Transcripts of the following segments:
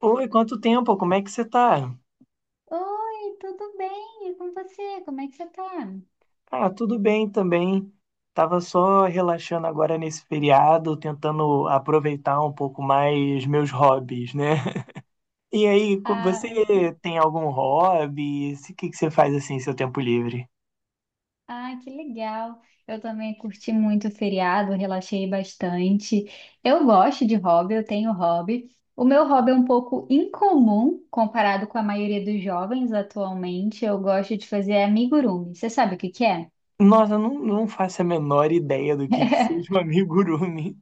Oi, quanto tempo? Como é que você tá? Oi, tudo bem? E com você? Como é que você tá? Ah, tudo bem também. Tava só relaxando agora nesse feriado, tentando aproveitar um pouco mais meus hobbies, né? E aí, você Ah, que, tem algum hobby? O que que você faz assim em seu tempo livre? ah, que legal. Eu também curti muito o feriado, relaxei bastante. Eu gosto de hobby, eu tenho hobby. O meu hobby é um pouco incomum comparado com a maioria dos jovens atualmente. Eu gosto de fazer amigurumi. Você sabe o que que é? Nossa, eu não faço a menor ideia do que seja um amigurumi.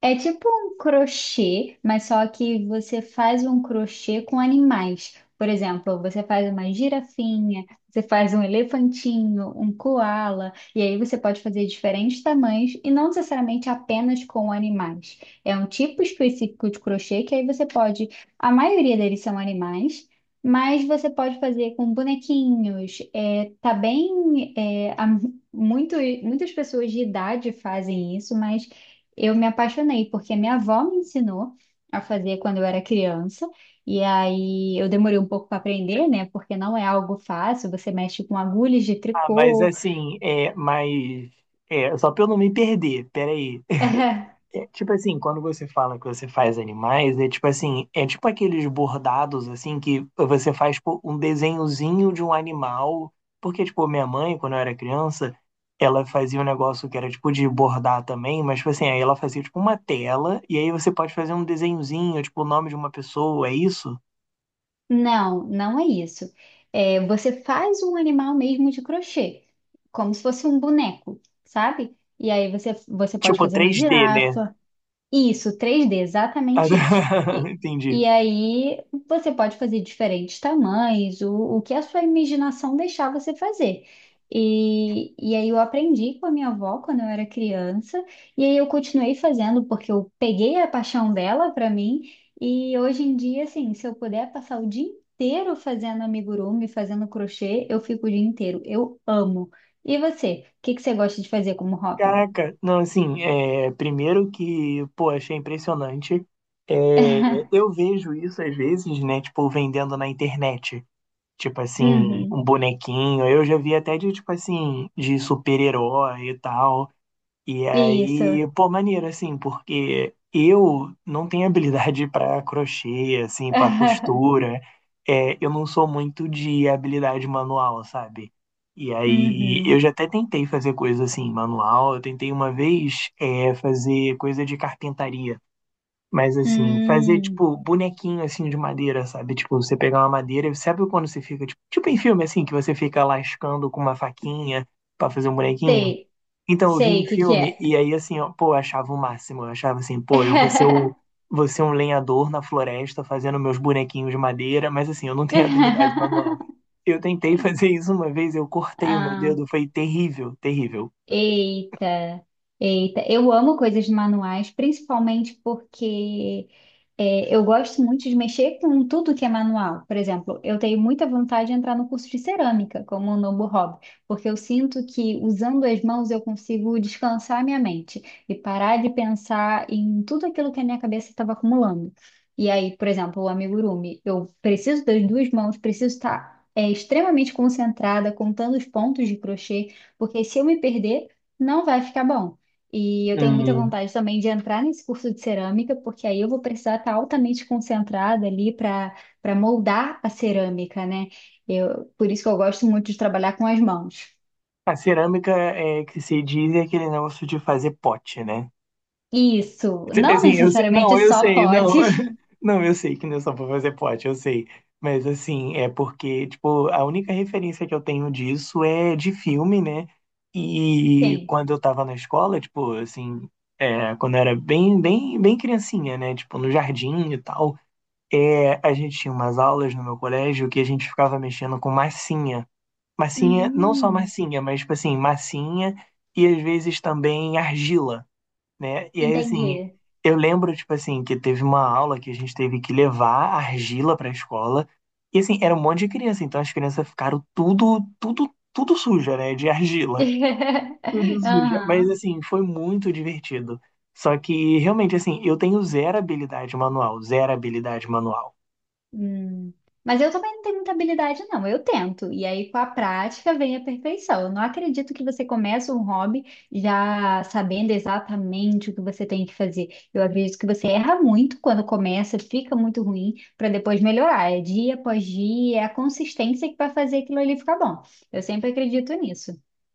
É tipo um crochê, mas só que você faz um crochê com animais. Por exemplo, você faz uma girafinha, você faz um elefantinho, um coala. E aí você pode fazer diferentes tamanhos e não necessariamente apenas com animais. É um tipo específico de crochê que aí você pode, a maioria deles são animais, mas você pode fazer com bonequinhos. É, tá bem, é, há muito, muitas pessoas de idade fazem isso, mas eu me apaixonei porque minha avó me ensinou a fazer quando eu era criança. E aí eu demorei um pouco para aprender, né? Porque não é algo fácil, você mexe com agulhas de Ah, mas tricô. assim, mas só pra eu não me perder, peraí. Tipo assim, quando você fala que você faz animais, é tipo assim, é tipo aqueles bordados assim que você faz pô, um desenhozinho de um animal, porque tipo, minha mãe, quando eu era criança, ela fazia um negócio que era tipo de bordar também, mas tipo assim, aí ela fazia tipo uma tela e aí você pode fazer um desenhozinho, tipo o nome de uma pessoa, é isso? Não, não é isso. É, você faz um animal mesmo de crochê, como se fosse um boneco, sabe? E aí você pode Tipo fazer uma 3D, né? girafa. Isso, 3D, exatamente isso. E, e Entendi. aí você pode fazer diferentes tamanhos, o que a sua imaginação deixar você fazer. E aí eu aprendi com a minha avó quando eu era criança, e aí eu continuei fazendo porque eu peguei a paixão dela para mim, e hoje em dia, assim, se eu puder passar o dia inteiro fazendo amigurumi, fazendo crochê, eu fico o dia inteiro. Eu amo. E você? O que que você gosta de fazer como hobby? Caraca, não, assim, primeiro que, pô, achei impressionante. Eu vejo isso às vezes, né? Tipo, vendendo na internet. Tipo assim, Uhum. um bonequinho. Eu já vi até de, tipo assim, de super-herói e tal. E Isso. aí, pô, maneiro, assim, porque eu não tenho habilidade pra crochê, assim, pra costura. Eu não sou muito de habilidade manual, sabe? E aí, Uhum. eu já até tentei fazer coisa assim, manual. Eu tentei uma vez, fazer coisa de carpintaria. Mas assim, fazer Hum. tipo bonequinho assim de madeira, sabe? Tipo, você pegar uma madeira, sabe quando você fica, tipo em filme assim, que você fica lascando com uma faquinha pra fazer um bonequinho? Sei, Então eu vi sei em o que que é. filme e aí assim, ó, pô, eu achava o máximo, eu achava assim, pô, eu vou ser o vou ser um lenhador na floresta fazendo meus bonequinhos de madeira, mas assim, eu não tenho habilidade manual. Eu tentei fazer isso uma vez, eu cortei o meu Ah, dedo, foi terrível, terrível. eita, eita. Eu amo coisas manuais, principalmente porque eu gosto muito de mexer com tudo que é manual. Por exemplo, eu tenho muita vontade de entrar no curso de cerâmica, como um novo hobby, porque eu sinto que usando as mãos eu consigo descansar a minha mente e parar de pensar em tudo aquilo que a minha cabeça estava acumulando. E aí, por exemplo, o amigurumi, eu preciso das duas mãos, preciso estar, extremamente concentrada, contando os pontos de crochê, porque se eu me perder, não vai ficar bom. E eu tenho muita Hum. vontade também de entrar nesse curso de cerâmica, porque aí eu vou precisar estar altamente concentrada ali para moldar a cerâmica, né? Por isso que eu gosto muito de trabalhar com as mãos. A cerâmica é que se diz é aquele negócio de fazer pote, né? Isso, não Assim, eu sei, não, necessariamente eu só sei, não. potes. Não, eu sei que não é só pra fazer pote, eu sei. Mas assim, é porque, tipo, a única referência que eu tenho disso é de filme, né? E Sim. quando eu tava na escola, tipo, assim, quando eu era bem, bem, bem criancinha, né? Tipo, no jardim e tal, a gente tinha umas aulas no meu colégio que a gente ficava mexendo com massinha. Massinha, não só Hum, massinha, mas, tipo assim, massinha e às vezes também argila, né? E aí, assim, entendi. eu lembro, tipo assim, que teve uma aula que a gente teve que levar argila pra escola. E, assim, era um monte de criança, então as crianças ficaram tudo, tudo, tudo suja, né? De argila. Tudo suja. Mas, Aham. assim, foi muito divertido. Só que, realmente, assim, eu tenho zero habilidade manual, zero habilidade manual. Hum. Mas eu também não tenho muita habilidade, não. Eu tento. E aí, com a prática, vem a perfeição. Eu não acredito que você começa um hobby já sabendo exatamente o que você tem que fazer. Eu acredito que você erra muito quando começa, fica muito ruim, para depois melhorar. É dia após dia, é a consistência que vai fazer aquilo ali ficar bom. Eu sempre acredito nisso.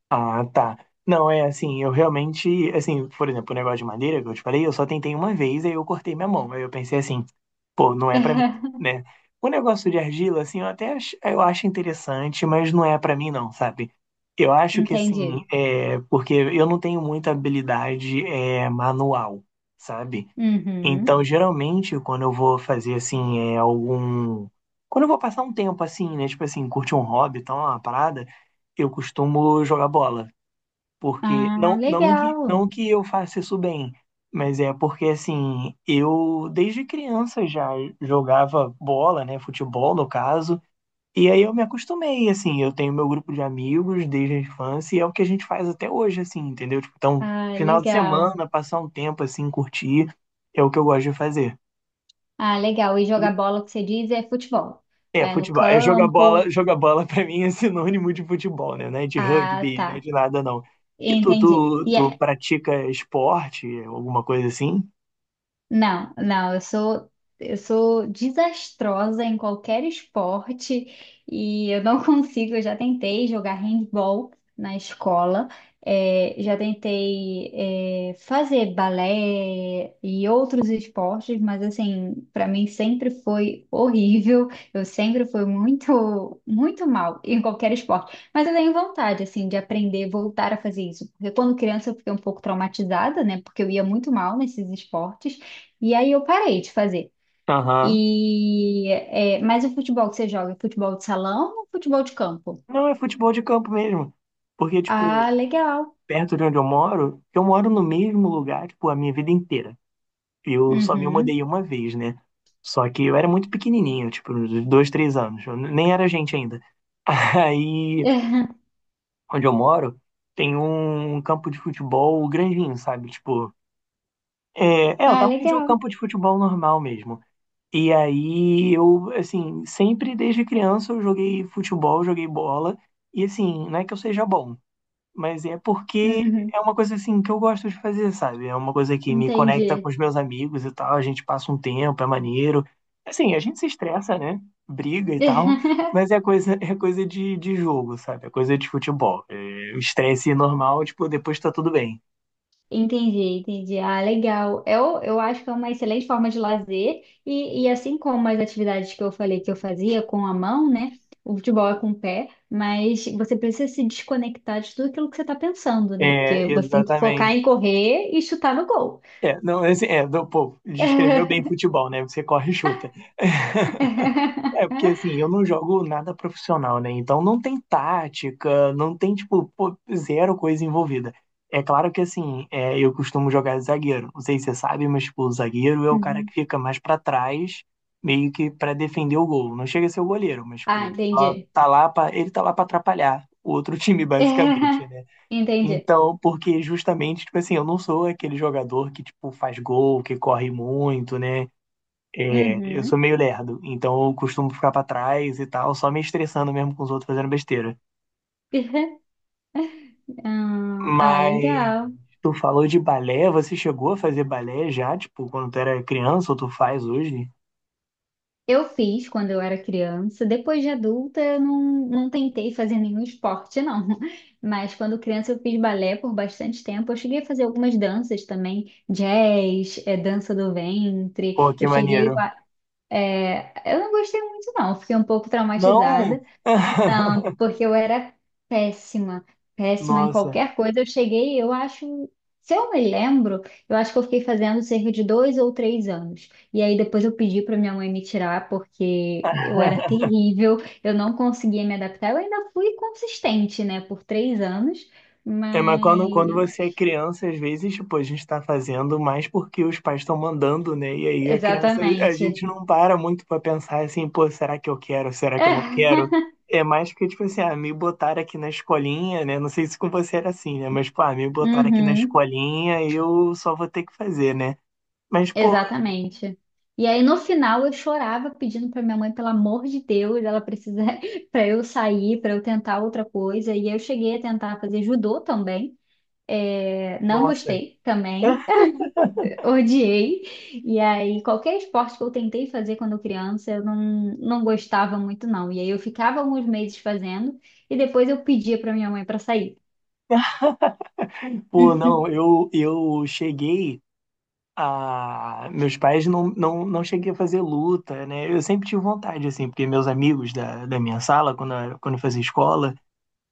Ah, tá. Não, é assim, eu realmente, assim, por exemplo, o negócio de madeira que eu te falei, eu só tentei uma vez, aí eu cortei minha mão. Aí eu pensei assim, pô, não é pra mim, né? O negócio de argila, assim, eu até eu acho interessante, mas não é pra mim não, sabe? Eu acho que Entendi. assim, é porque eu não tenho muita habilidade manual, sabe? Uhum. Então, geralmente, quando eu vou fazer assim, é algum. Quando eu vou passar um tempo assim, né? Tipo assim, curtir um hobby, tal, uma parada, eu costumo jogar bola. Porque Ah, legal. não que eu faça isso bem, mas é porque assim, eu desde criança já jogava bola, né, futebol no caso, e aí eu me acostumei, assim, eu tenho meu grupo de amigos desde a infância e é o que a gente faz até hoje, assim, entendeu? Tipo, então, Ah, final de legal. semana, passar um tempo assim, curtir, é o que eu gosto de fazer. Ah, legal. E E jogar bola, o que você diz, é futebol. É, É no futebol. É campo. jogar bola pra mim é sinônimo de futebol, né? Não é de Ah, rugby, não é tá. de nada, não. E tu, Entendi. tu, tu pratica esporte, alguma coisa assim? Não, não, eu sou desastrosa em qualquer esporte e eu não consigo. Eu já tentei jogar handball na escola, já tentei fazer balé e outros esportes, mas assim, para mim sempre foi horrível. Eu sempre fui muito muito mal em qualquer esporte. Mas eu tenho vontade assim de aprender, voltar a fazer isso, porque quando criança eu fiquei um pouco traumatizada, né? Porque eu ia muito mal nesses esportes. E aí eu parei de fazer. Aham. E mas o futebol que você joga, é futebol de salão ou futebol de campo? Não, é futebol de campo mesmo. Porque, tipo, Ah, legal. perto de onde eu moro no mesmo lugar, tipo, a minha vida inteira. Eu só me Uhum. mudei uma vez, né? Só que eu era muito pequenininho, tipo, uns 2, 3 anos. Eu nem era gente ainda. Aí, onde eu moro, tem um campo de futebol grandinho, sabe? Tipo, é o Ah, tamanho de um legal. campo de futebol normal mesmo. E aí eu, assim, sempre desde criança eu joguei futebol, joguei bola. E assim, não é que eu seja bom, mas é porque Uhum. é uma coisa assim que eu gosto de fazer, sabe? É uma coisa que me conecta com Entendi. os meus amigos e tal. A gente passa um tempo, é maneiro. Assim, a gente se estressa, né? Briga e tal. Mas é coisa de jogo, sabe? É coisa de futebol. O estresse normal, tipo, depois tá tudo bem. Entendi, entendi. Ah, legal. Eu acho que é uma excelente forma de lazer, e assim como as atividades que eu falei que eu fazia com a mão, né? O futebol é com o pé, mas você precisa se desconectar de tudo aquilo que você está pensando, né? É, Porque você tem que focar em exatamente. correr e chutar no gol. Não, assim, pô, descreveu bem futebol, né? Você corre e chuta. Porque assim, eu não jogo nada profissional, né? Então não tem tática, não tem, tipo, pô, zero coisa envolvida. É claro que assim, eu costumo jogar de zagueiro. Não sei se você sabe, mas, tipo, o zagueiro é o cara Uhum. que fica mais pra trás, meio que pra defender o gol. Não chega a ser o goleiro, mas, tipo, Ah, entendi. Ele tá lá pra atrapalhar o outro time, basicamente, né? Entendi. Então, porque justamente, tipo assim, eu não sou aquele jogador que, tipo, faz gol, que corre muito, né? Eu sou Uhum. meio lerdo, então eu costumo ficar pra trás e tal, só me estressando mesmo com os outros fazendo besteira. Ah, ah, Mas legal. tu falou de balé, você chegou a fazer balé já, tipo, quando tu era criança ou tu faz hoje? Eu fiz quando eu era criança. Depois de adulta, eu não, não tentei fazer nenhum esporte, não. Mas quando criança, eu fiz balé por bastante tempo. Eu cheguei a fazer algumas danças também, jazz, dança do Pô, ventre. que Eu cheguei maneiro. a. Eu não gostei muito, não. Fiquei um pouco Não! traumatizada. Não, porque eu era péssima, péssima em Nossa, qualquer coisa. Eu cheguei, eu acho, se eu me lembro, eu acho que eu fiquei fazendo cerca de 2 ou 3 anos. E aí depois eu pedi para minha mãe me tirar, porque eu era terrível, eu não conseguia me adaptar. Eu ainda fui consistente, né, por 3 anos, mas mas. quando você é criança, às vezes, tipo, a gente tá fazendo mais porque os pais estão mandando, né? E aí a criança, a Exatamente. gente não para muito pra pensar assim, pô, será que eu quero? Será que eu não É. quero? É mais que, tipo assim, ah, me botaram aqui na escolinha, né? Não sei se com você era assim, né? Mas, pô, ah, me botaram aqui na Uhum. escolinha eu só vou ter que fazer, né? Mas, pô, Exatamente. E aí no final eu chorava pedindo para minha mãe, pelo amor de Deus, ela precisa para eu sair, para eu tentar outra coisa. E eu cheguei a tentar fazer judô também. É, não nossa. gostei também, odiei. E aí qualquer esporte que eu tentei fazer quando criança, eu não, não gostava muito não. E aí eu ficava alguns meses fazendo e depois eu pedia para minha mãe para sair. Pô, não, eu cheguei. Ah, meus pais não cheguei a fazer luta, né? Eu sempre tive vontade, assim, porque meus amigos da minha sala, quando eu fazia escola,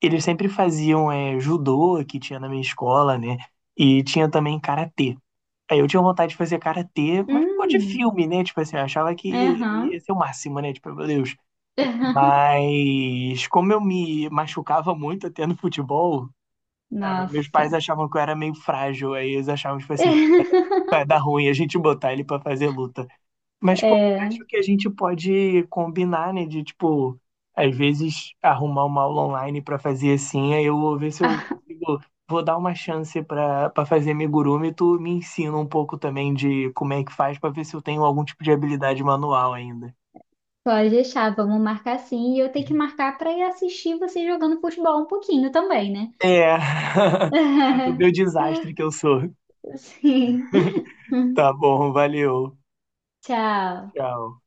eles sempre faziam judô, que tinha na minha escola, né? E tinha também karatê. Aí eu tinha vontade de fazer karatê, mas por causa de Hum, filme, né? Tipo assim, eu achava que ia aham. ser o máximo, né? Tipo, meu Deus. Mas como eu me machucava muito até no futebol, meus pais Nossa. achavam que eu era meio frágil, aí eles achavam, tipo assim, pô, vai dar ruim a gente botar ele pra fazer luta. Mas, pô, É. acho que a gente pode combinar, né, de, tipo, às vezes arrumar uma aula online pra fazer assim, aí eu vou ver se eu consigo, vou dar uma chance pra para fazer amigurumi, tu me ensina um pouco também de como é que faz pra ver se eu tenho algum tipo de habilidade manual ainda. Pode deixar, vamos marcar sim. E eu tenho que marcar para ir assistir você jogando futebol um pouquinho também, né? É, pra tu ver o desastre que eu sou. Sim. Tá bom, valeu, Tchau. tchau.